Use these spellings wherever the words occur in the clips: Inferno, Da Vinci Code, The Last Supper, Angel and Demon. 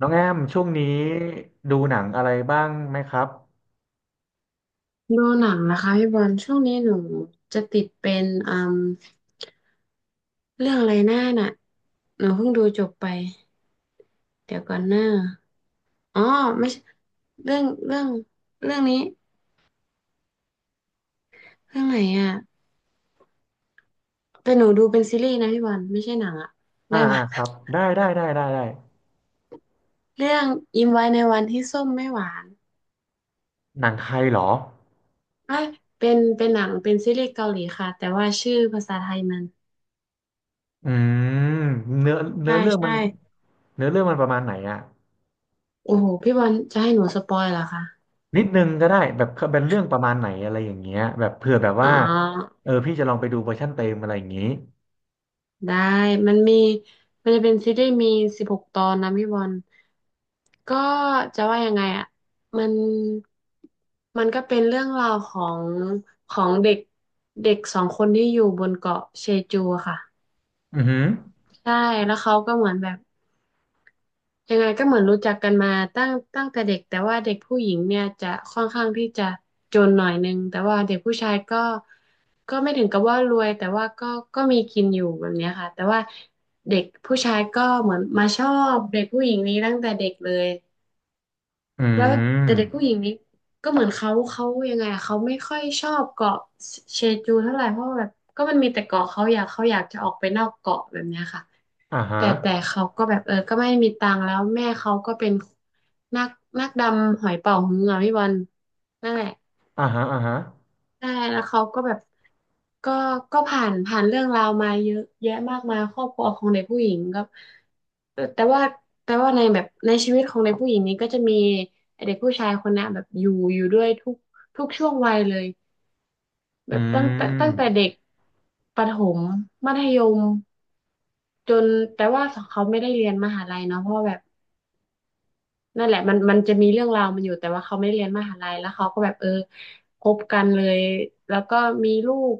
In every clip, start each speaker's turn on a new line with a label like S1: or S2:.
S1: น้องแอมช่วงนี้ดูหนังอะไรบ้างไหมครับ
S2: ดูหนังนะคะพี่บอลช่วงนี้หนูจะติดเป็นเรื่องอะไรหน้าน่ะหนูเพิ่งดูจบไปเดี๋ยวก่อนหน้าอ๋อไม่ใช่เรื่องเรื่องนี้เรื่องไหนอ่ะแต่หนูดูเป็นซีรีส์นะพี่บอลไม่ใช่หนังอ่ะ
S1: อ่า
S2: ได้ไหม
S1: อ่าครับ ได้ได้ได้ได้ได้
S2: เรื่องยิ้มไว้ในวันที่ส้มไม่หวาน
S1: หนังไทยเหรอ
S2: เอ้ยเป็นหนังเป็นซีรีส์เกาหลีค่ะแต่ว่าชื่อภาษาไทยมัน
S1: อืมเนื้อเนื้
S2: ใช่
S1: อเรื่องมั
S2: ใช่
S1: นเนื้อเรื่องมันประมาณไหนอะ
S2: โอ้โหพี่บอลจะให้หนูสปอยเหรอคะ
S1: นิดนึงก็ได้แบบเป็นเรื่องประมาณไหนอะไรอย่างเงี้ยแบบเผื่อแบบ
S2: อ๋อ
S1: ว่าเออพี่จะลองไปดูเวอร์ชันเต็มอะไรอย่างงี้
S2: ได้มันมีมันจะเป็นซีรีส์มีสิบหกตอนนะพี่บอลก็จะว่ายังไงอ่ะมันมันก็เป็นเรื่องราวของของเด็กเด็กสองคนที่อยู่บนเกาะเชจูอะค่ะ
S1: อือหือ
S2: ใช่แล้วเขาก็เหมือนแบบ ยังไงก็เหมือนรู้จักกันมาตั้งแต่เด็กแต่ว่าเด็กผู้หญิงเนี่ยจะค่อนข้างที่จะจนหน่อยนึงแต่ว่าเด็กผู้ชายก็ก็ไม่ถึงกับว่ารวยแต่ว่าก็ก็มีกินอยู่แบบเนี้ยค่ะแต่ว่าเด็กผู้ชายก็เหมือนมาชอบเด็กผู้หญิงนี้ตั้งแต่เด็กเลย
S1: อื
S2: แล้วแต่เด็กผู้ห
S1: ม
S2: ญิงนี้ก็เหมือนเขายังไงอะเขาไม่ค่อยชอบเกาะเชจูเท่าไหร่เพราะว่าแบบก็มันมีแต่เกาะเขาอยากจะออกไปนอกเกาะแบบเนี้ยค่ะ
S1: อ่าฮะ
S2: แต่เขาก็แบบเออก็ไม่มีตังค์แล้วแม่เขาก็เป็นนักนักดำหอยเป๋าฮืออ่ะพี่บอลนั่นแหละ
S1: อ่าฮะอ่าฮะ
S2: ใช่แล้วเขาก็แบบก็ก็ผ่านเรื่องราวมาเยอะแยะมากมายครอบครัวของเด็กผู้หญิงก็แต่ว่าแต่ว่าในแบบในชีวิตของเด็กผู้หญิงนี้ก็จะมีเด็กผู้ชายคนนะแบบอยู่ด้วยทุกทุกช่วงวัยเลยแบ
S1: อื
S2: บตั้งแต่
S1: ม
S2: เด็กประถมมัธยมจนแต่ว่าเขาไม่ได้เรียนมหาลัยเนาะเพราะว่าแบบ นั่นแหละมันจะมีเรื่องราวมันอยู่แต่ว่าเขาไม่ได้เรียนมหาลัยแล้วเขาก็แบบเออคบกันเลยแล้วก็มีลูก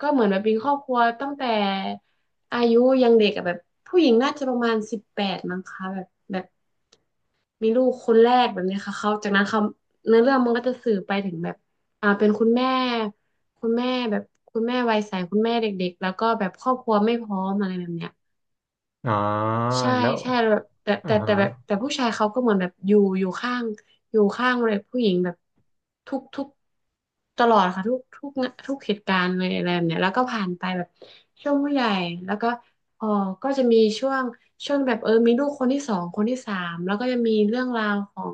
S2: ก็เหมือนแบบมีครอบครัวตั้งแต่อายุยังเด็กอะแบบผู้หญิงน่าจะประมาณ18มั้งคะแบบแบบมีลูกคนแรกแบบเนี้ยค่ะเขาจากนั้นเขาเนื้อเรื่องมันก็จะสื่อไปถึงแบบอ่าเป็นคุณแม่คุณแม่แบบคุณแม่วัยใสคุณแม่เด็กๆแล้วก็แบบครอบครัวไม่พร้อมอะไรแบบเนี้ย
S1: อ๋อ
S2: ใช่
S1: แล้ว
S2: ใช่แบบแต่
S1: อ่า
S2: แต่
S1: ฮะ
S2: แต่แบบแต่ผู้ชายเขาก็เหมือนแบบอยู่อยู่ข้างเลยผู้หญิงแบบทุกตลอดค่ะทุกทุกเหตุการณ์เลยอะไรแบบเนี้ยแล้วก็ผ่านไปแบบช่วงผู้ใหญ่แล้วก็เออก็จะมีช่วงแบบเออมีลูกคนที่สองคนที่สามแล้วก็จะมีเรื่องราวของ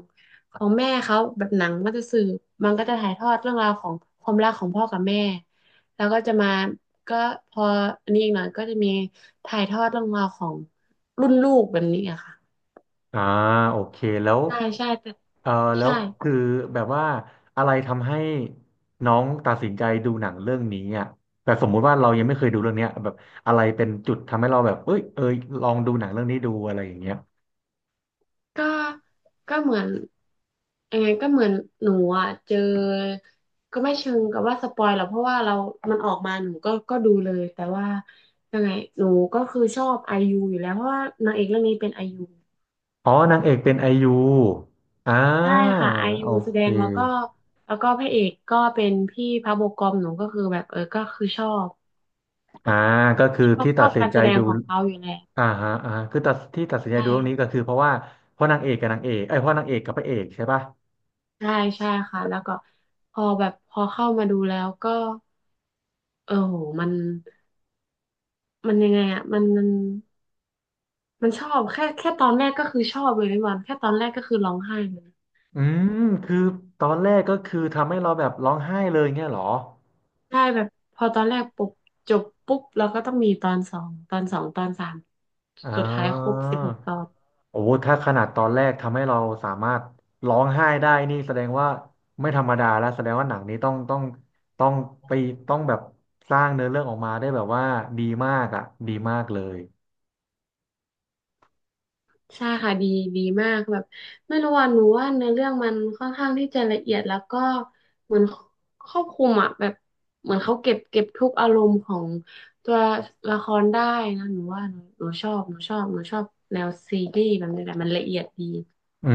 S2: ของแม่เขาแบบหนังมันจะสื่อมันก็จะถ่ายทอดเรื่องราวของความรักของพ่อกับแม่แล้วก็จะมาก็พออันนี้อีกหน่อยก็จะมีถ่ายทอดเรื่องราวของ รุ่นลูกแบบนี้อะค่ะ
S1: อ่าโอเคแล้ว
S2: ใช่ใช่แต่
S1: เออแล้
S2: ใช่
S1: วคือแบบว่าอะไรทำให้น้องตัดสินใจดูหนังเรื่องนี้อ่ะแบบสมมุติว่าเรายังไม่เคยดูเรื่องเนี้ยแบบอะไรเป็นจุดทำให้เราแบบเอ้ยลองดูหนังเรื่องนี้ดูอะไรอย่างเงี้ย
S2: ก็ก็เหมือนยังไงก็เหมือนหนูอะเจอก็ไม่เชิงกับว่าสปอยหรอกเพราะว่าเรามันออกมาหนูก็ก็ดูเลยแต่ว่ายังไงหนูก็คือชอบไอยูอยู่แล้วเพราะว่านางเอกเรื่องนี้เป็นไอยู
S1: อ๋อนางเอกเป็นไอยูอ่า
S2: ใช่ค่ะไอ
S1: โอ
S2: ยูแสด
S1: เค
S2: งแล้วก็แล้วก็พระเอกก็เป็นพี่พระโบกอมหนูก็คือแบบเออก็คือชอบ
S1: อ่าก็คือ
S2: ชอบ
S1: ที่
S2: ช
S1: ตั
S2: อ
S1: ด
S2: บ
S1: สิน
S2: การ
S1: ใจ
S2: แสดง
S1: ดู
S2: ของเขาอยู่แล้ว
S1: อ่าฮะอ่าคือตัดที่ตัดสิน
S2: ใช
S1: ใจดูเรื่องนี้
S2: ่
S1: ก็คือเพราะว่าเพราะนางเอกกับนางเอกไอ้ยเพราะนางเอกกับพระเอกใช่ปะ
S2: ใช่ใช่ค่ะแล้วก็พอแบบพอเข้ามาดูแล้วก็เออโหมันยังไงอ่ะมันชอบแค่ตอนแรกก็คือชอบเลยพี่บอลแค่ตอนแรกก็คือร้องไห้เลย
S1: อืมคือตอนแรกก็คือทำให้เราแบบร้องไห้เลยเงี้ยเหรอ
S2: ใช่แบบพอตอนแรกปุ๊บจบปุ๊บแล้วก็ต้องมีตอนสองตอนสาม
S1: อ่
S2: สุดท้ายครบ
S1: า
S2: สิบหกตอน
S1: โอ้ถ้าขนาดตอนแรกทำให้เราสามารถร้องไห้ได้นี่แสดงว่าไม่ธรรมดาแล้วแสดงว่าหนังนี้ต้องต้องต้องไปต้องแบบสร้างเนื้อเรื่องออกมาได้แบบว่าดีมากอ่ะดีมากเลย
S2: ใช่ค่ะดีดีมากแบบไม่รู้ว่าหนูว่าเนื้อเรื่องมันค่อนข้างที่จะละเอียดแล้วก็เหมือนครอบคลุมอ่ะแบบเหมือนเขาเก็บทุกอารมณ์ของตัวละครได้นะหนูว่าหนูชอบหนูชอบแนวซีรีส์แบบนี้แหละมันละเอียดดี
S1: อื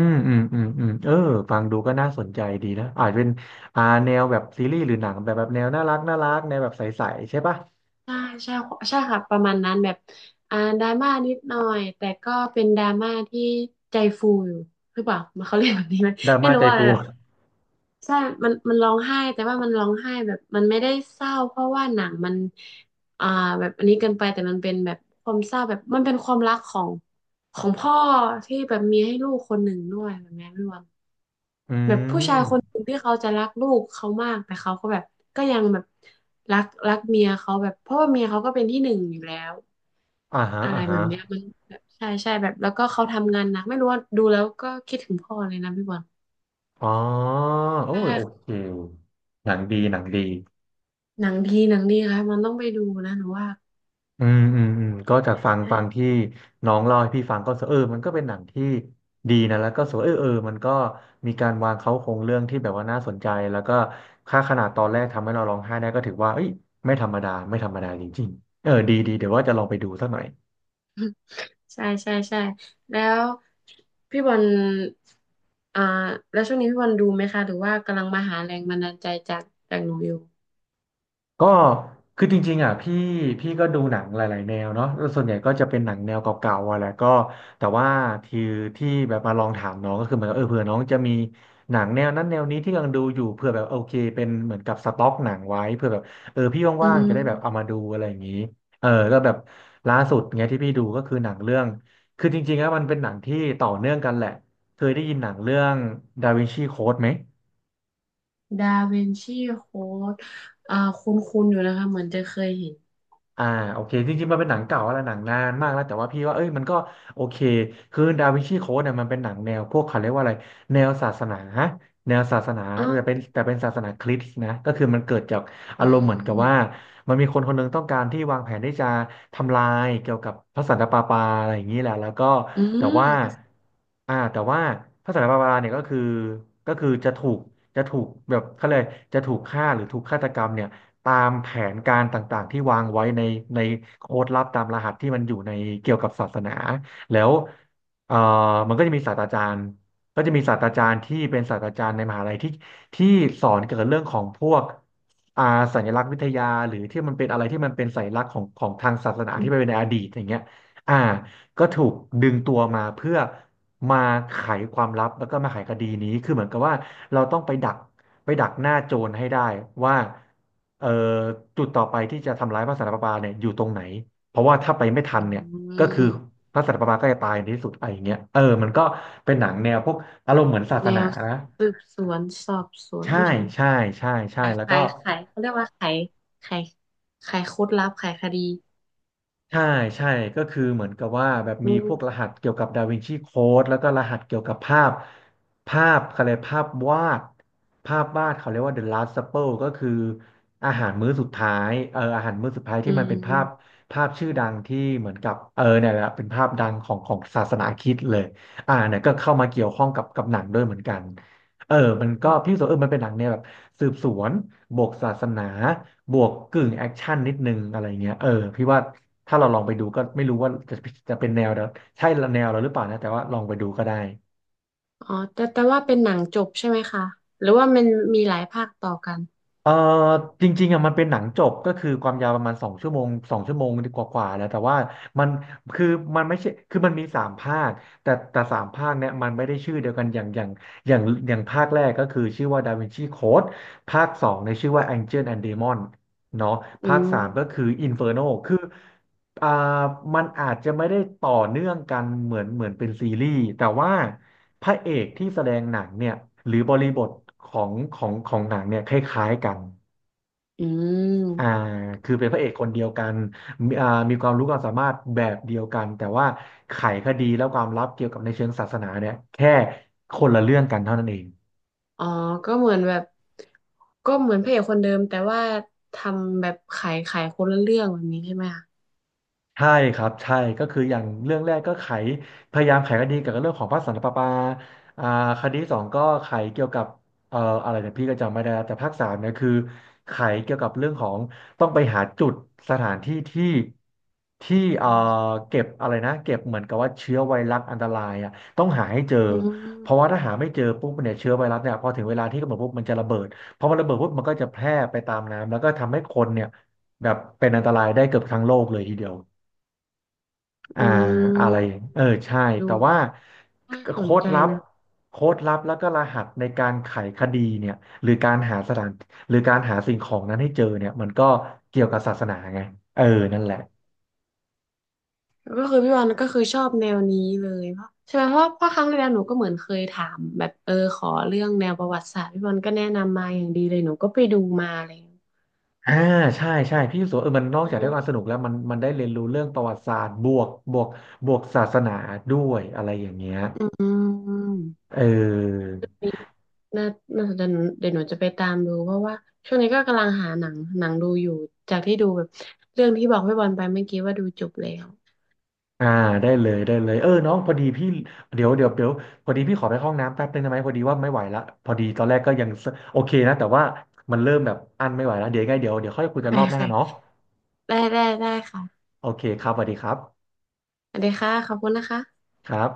S1: มอืมเออฟังดูก็น่าสนใจดีนะอาจเป็นอ่าแนวแบบซีรีส์หรือหนังแบบแบบแนวน่ารักน่ารักแนวแบบใสๆใช่ปะ
S2: ใช่ใช่ใช่ค่ะประมาณนั้นแบบดราม่านิดหน่อยแต่ก็เป็นดราม่าที่ใจฟูอยู่หรือเปล่ามันเขาเรียกแบบนี้ไหม
S1: ดรา
S2: ไม่
S1: ม่า
S2: รู้
S1: ใจ
S2: ว่า
S1: ฟู
S2: แบ บใช่มันร้องไห้แต่ว่ามันร้องไห้แบบมันไม่ได้เศร้าเพราะว่าหนังมันอ่าแบบอันนี้เกินไปแต่มันเป็นแบบความเศร้าแบบมันเป็นความรักของของพ่อที่แบบมีให้ลูกคนหนึ่งด้วยแบบนี้พี่วัน
S1: อื
S2: แบบผู้ชาย
S1: ม
S2: คนหนึ่งที่เขาจะรักลูกเขามากแต่เขาก็แบบก็ยังแบบรักเมียเขาแบบเพราะว่าเมียเขาก็เป็นที่หนึ่งอยู่แล้ว
S1: อ่าฮะ
S2: อะไร
S1: อ่า
S2: แบ
S1: ฮะ
S2: บเนี้ยมันแบบใช่แบบแล้วก็เขาทำงานหนักไม่รู้ว่าดูแล้วก็คิดถึงพ่อเลยนะพี่บอล
S1: อ๋อโอ้
S2: ใช่
S1: ยโอเค
S2: ค่ะ
S1: หนังดีหนังดี
S2: หนังดีหนังดีค่ะมันต้องไปดูนะหนูว่า
S1: อืมก็จากฟัง
S2: ใช่
S1: ที่น้องเล่าให้พี่ฟังก็รู้สึกเออมันก็เป็นหนังที่ดีนะแล้วก็สวยเออเออมันก็มีการวางเขาโครงเรื่องที่แบบว่าน่าสนใจแล้วก็ค่าขนาดตอนแรกทำให้เราร้องไห้ได้ก็ถือว่าเอ้ยไม่ธรรมดาไม่ธรรมดาจริงๆเออดีดีเดี๋ยวว่าจะลองไปดูสักหน่อย
S2: ใช่ใช่แล้วพี่บอลอ่าแล้วช่วงนี้พี่บอลดูไหมคะหรือว่ากำลังมาหาแรงบันดาลใจจากจากหนูอยู่
S1: ก็คือจริงๆอ่ะพี่ก็ดูหนังหลายๆแนวเนาะแล้วส่วนใหญ่ก็จะเป็นหนังแนวเก่าๆอะแหละก็แต่ว่าที่ที่แบบมาลองถามน้องก็คือเหมือนกับเออเผื่อน้องจะมีหนังแนวนั้นแนวนี้ที่กำลังดูอยู่เผื่อแบบโอเคเป็นเหมือนกับสต็อกหนังไว้เผื่อแบบเออพี่
S2: อื
S1: ว่างๆจะได้แบบเอามาดู
S2: ม
S1: อะไรอย่างนี้เออก็แบบล่าสุดเงี้ยที่พี่ดูก็คือหนังเรื่องคือจริงๆแล้วมันเป็นหนังที่ต่อเนื่องกันแหละเคยได้ยินหนังเรื่องดาวินชีโค้ดไหม
S2: ดาวินชีโค้ดคุ้นๆอยู่นะคะเหมือนจะเคยเห็น
S1: อ่าโอเคจริงๆมันเป็นหนังเก่าแล้วหนังนานมากแล้วแต่ว่าพี่ว่าเอ้ยมันก็โอเคคือดาวินชีโค้ดเนี่ยมันเป็นหนังแนวพวกเขาเรียกว่าอะไรแนวศาสนาแนวศาสนา
S2: อ๋อ
S1: แต่เป็นศาสนาคริสต์นะก็คือมันเกิดจาก
S2: อื
S1: อารมณ์เหมือนกับว่า
S2: ม
S1: มันมีคนคนหนึงต้องการที่วางแผนที่จะทำลายเกี่ยวกับพระสันตะปาปาอะไรอย่างนี้แหละแล้วก็
S2: อื
S1: แต่ว่า
S2: ม
S1: แต่ว่าพระสันตะปาปาเนี่ยก็คือก็คือจะถูกจะถูกแบบเขาเลยกจะถูกฆ่าหรือถูกฆาตกรรมเนี่ย ตามแผนการต่างๆที่วางไว้ในโค้ดลับตามรหัสที่มันอยู่ในเกี่ยวกับศาสนาแล้วเอ่อมันก็จะมีศาสตราจารย์ก็จะมีศาสตราจารย์ที่เป็นศาสตราจารย์ในมหาลัยที่สอนเกี่ยวกับเรื่องของพวกอ่าสัญลักษณ์วิทยาหรือที่มันเป็นอะไรที่มันเป็นสัญลักษณ์ของของทางศาสนาที่ไปเป็นในอดีตอย่างเงี้ยอ่า ก็ถูกดึงตัวมาเพื่อมาไขความลับแล้วก็มาไขคดีนี้คือเหมือนกับว่าเราต้องไปดักหน้าโจรให้ได้ว่าเอ่อจุดต่อไปที่จะทำร้ายพระสันตะปาปาเนี่ยอยู่ตรงไหนเพราะว่าถ้าไปไม่
S2: อื
S1: ทันเนี่ยก็คือ
S2: ม
S1: พระสันตะปาปาก็จะตายในที่สุดอะไรอย่างเงี้ยเออมันก็เป็นหนังแนวพวกอารมณ์เหมือนศาส
S2: แน
S1: นา
S2: ว
S1: นะ
S2: สืบสวนสอบสวน
S1: ใช่
S2: ไม่ใช่
S1: ใช่ใช่ใช่
S2: ขาย
S1: แล้วก็
S2: ขายขายเขาเรียกว่าขายขายโค้ดลับขายคดี
S1: ใช่ใช่ก็คือเหมือนกับว่าแบบ
S2: อื
S1: มีพวกร
S2: ม
S1: หัสเกี่ยวกับดาวินชีโค้ดแล้วก็รหัสเกี่ยวกับภาพภาพเขาเรียกภาพวาดภาพวาดเขาเรียกว่า The Last Supper ก็คืออาหารมื้อสุดท้ายอาหารมื้อสุดท้าย
S2: อื
S1: ที่มันเป็นภาพ
S2: ม
S1: ภาพชื่อดังที่เหมือนกับเนี่ยแหละเป็นภาพดังของศาสนาคริสต์เลยเนี่ยก็เข้ามาเกี่ยวข้องกับหนังด้วยเหมือนกันเออมันก็พี่รู้สกว่าเออมันเป็นหนังเนี่ยแบบสืบสวนบวกศาสนา บวกกึ่งแอคชั่นนิดนึงอะไรเงี้ยเออพี่ว่าถ้าเราลองไปดูก็ไม่รู้ว่าจะเป็นแนวเดียวใช่แนวเราหรือเปล่านะแต่ว่าลองไปดูก็ได้
S2: อ๋อแต่ว่าเป็นหนังจบใช่ไหมคะหรือว่ามันมีหลายภาคต่อกัน
S1: เออจริงๆอ่ะมันเป็นหนังจบก็คือความยาวประมาณสองชั่วโมงสองชั่วโมงกว่าๆแล้วแต่ว่ามันคือมันไม่ใช่คือมันมีสามภาคแต่สามภาคเนี่ยมันไม่ได้ชื่อเดียวกันอย่างอย่างภาคแรกก็คือชื่อว่าดาวินชีโค้ดภาคสองในยชื่อว่า Angel and Demon เนาะ
S2: อื
S1: ภาค
S2: ม
S1: สามก็คือ Inferno คือ อ่ามันอาจจะไม่ได้ต่อเนื่องกันเหมือนเป็นซีรีส์แต่ว่าพระเอกที่แสดงหนังเนี่ยหรือบริบทของหนังเนี่ยคล้ายๆกัน
S2: อื
S1: อ่า
S2: ม
S1: คือเป็นพระเอกคนเดียวกันมีมีความรู้ความสามารถแบบเดียวกันแต่ว่าไขคดีและความลับเกี่ยวกับในเชิงศาสนาเนี่ยแค่คนละเรื่องกันเท่านั้นเอง
S2: อ๋อก็เหมือนแบบก็เหมือนพระเอกคนเดิมแต่ว่าทำแบบขายคนละเรื่องแบบนี้ใช่ไหมคะ
S1: ใช่ครับใช่ก็คืออย่างเรื่องแรกก็ไขพยายามไขคดีเกี่ยวกับเรื่องของพระสันตะปาปาอ่าคดีสองก็ไขเกี่ยวกับอะไรเนี่ยพี่ก็จำไม่ได้แล้วแต่ภาคสามเนี่ยคือไขเกี่ยวกับเรื่องของต้องไปหาจุดสถานที่ที่ที่เก็บอะไรนะเก็บเหมือนกับว่าเชื้อไวรัสอันตรายอ่ะต้องหาให้เจอ
S2: อื
S1: เพราะว่า
S2: ม
S1: ถ้าหาไม่เจอปุ๊บเนี่ยเชื้อไวรัสเนี่ยพอถึงเวลาที่กำหนดปุ๊บมันจะระเบิดพอมันระเบิดปุ๊บมันก็จะแพร่ไปตามน้ำแล้วก็ทำให้คนเนี่ยแบบเป็นอันตรายได้เกือบทั้งโลกเลยทีเดียว อ่า
S2: อื
S1: อะไร
S2: ม
S1: เออใช่
S2: ดู
S1: แต่ว่า
S2: น่าสน
S1: โค้ด
S2: ใจ
S1: ลับ
S2: นะ
S1: โค้ดลับแล้วก็รหัสในการไขคดีเนี่ยหรือการหาสถานหรือการหาสิ่งของนั้นให้เจอเนี่ยมันก็เกี่ยวกับศาสนาไงเออนั่นแหละ
S2: ก็คือพี่วันก็คือชอบแนวนี้เลยเพราะใช่ไหมเพราะเพราะครั้งที่แล้วหนูก็เหมือนเคยถามแบบเออขอเรื่องแนวประวัติศาสตร์พี่วันก็แนะนำมาอย่างดีเลยหนูก็ไปดูมาอะไรอย่างเลย
S1: อ่าใช่ใช่พี่รู้สึกว่าเออมันนอกจากได้ความสนุกแล้วมันได้เรียนรู้เรื่องประวัติศาสตร์บวกบวกศาสนาด้วยอะไรอย่างเงี้ย
S2: อื
S1: เออ
S2: ม น่าน่าสนใจหนูเดี๋ยวหนูจะไปตามดูเพราะว่าช่วงนี้ก็กำลังหาหนังดูอยู่ จากที่ดูแบบเรื่องที่บอกพี่บอลไปเมื่อกี้ว่าดูจบแล้ว
S1: อ่าได้เลยได้เลยเออน้องพอดีพี่เดี๋ยวพอดีพี่ขอไปเข้าห้องน้ำแป๊บนึงได้ไหมพอดีว่าไม่ไหวละพอดีตอนแรกก็ยังสโอเคนะแต่ว่ามันเริ่มแบบอั้นไม่ไหวแล้วเดี๋ยวยังไงเดี๋ยวค่อยคุย
S2: โอ
S1: กั
S2: เค
S1: นรอบ
S2: โอ
S1: หน้าเนาะ
S2: เค ได้ ได้ ได้ค่ะ
S1: โอเคครับสวัสดีครับ
S2: สวัสดีค่ะ ขอบคุณนะคะ
S1: ครับ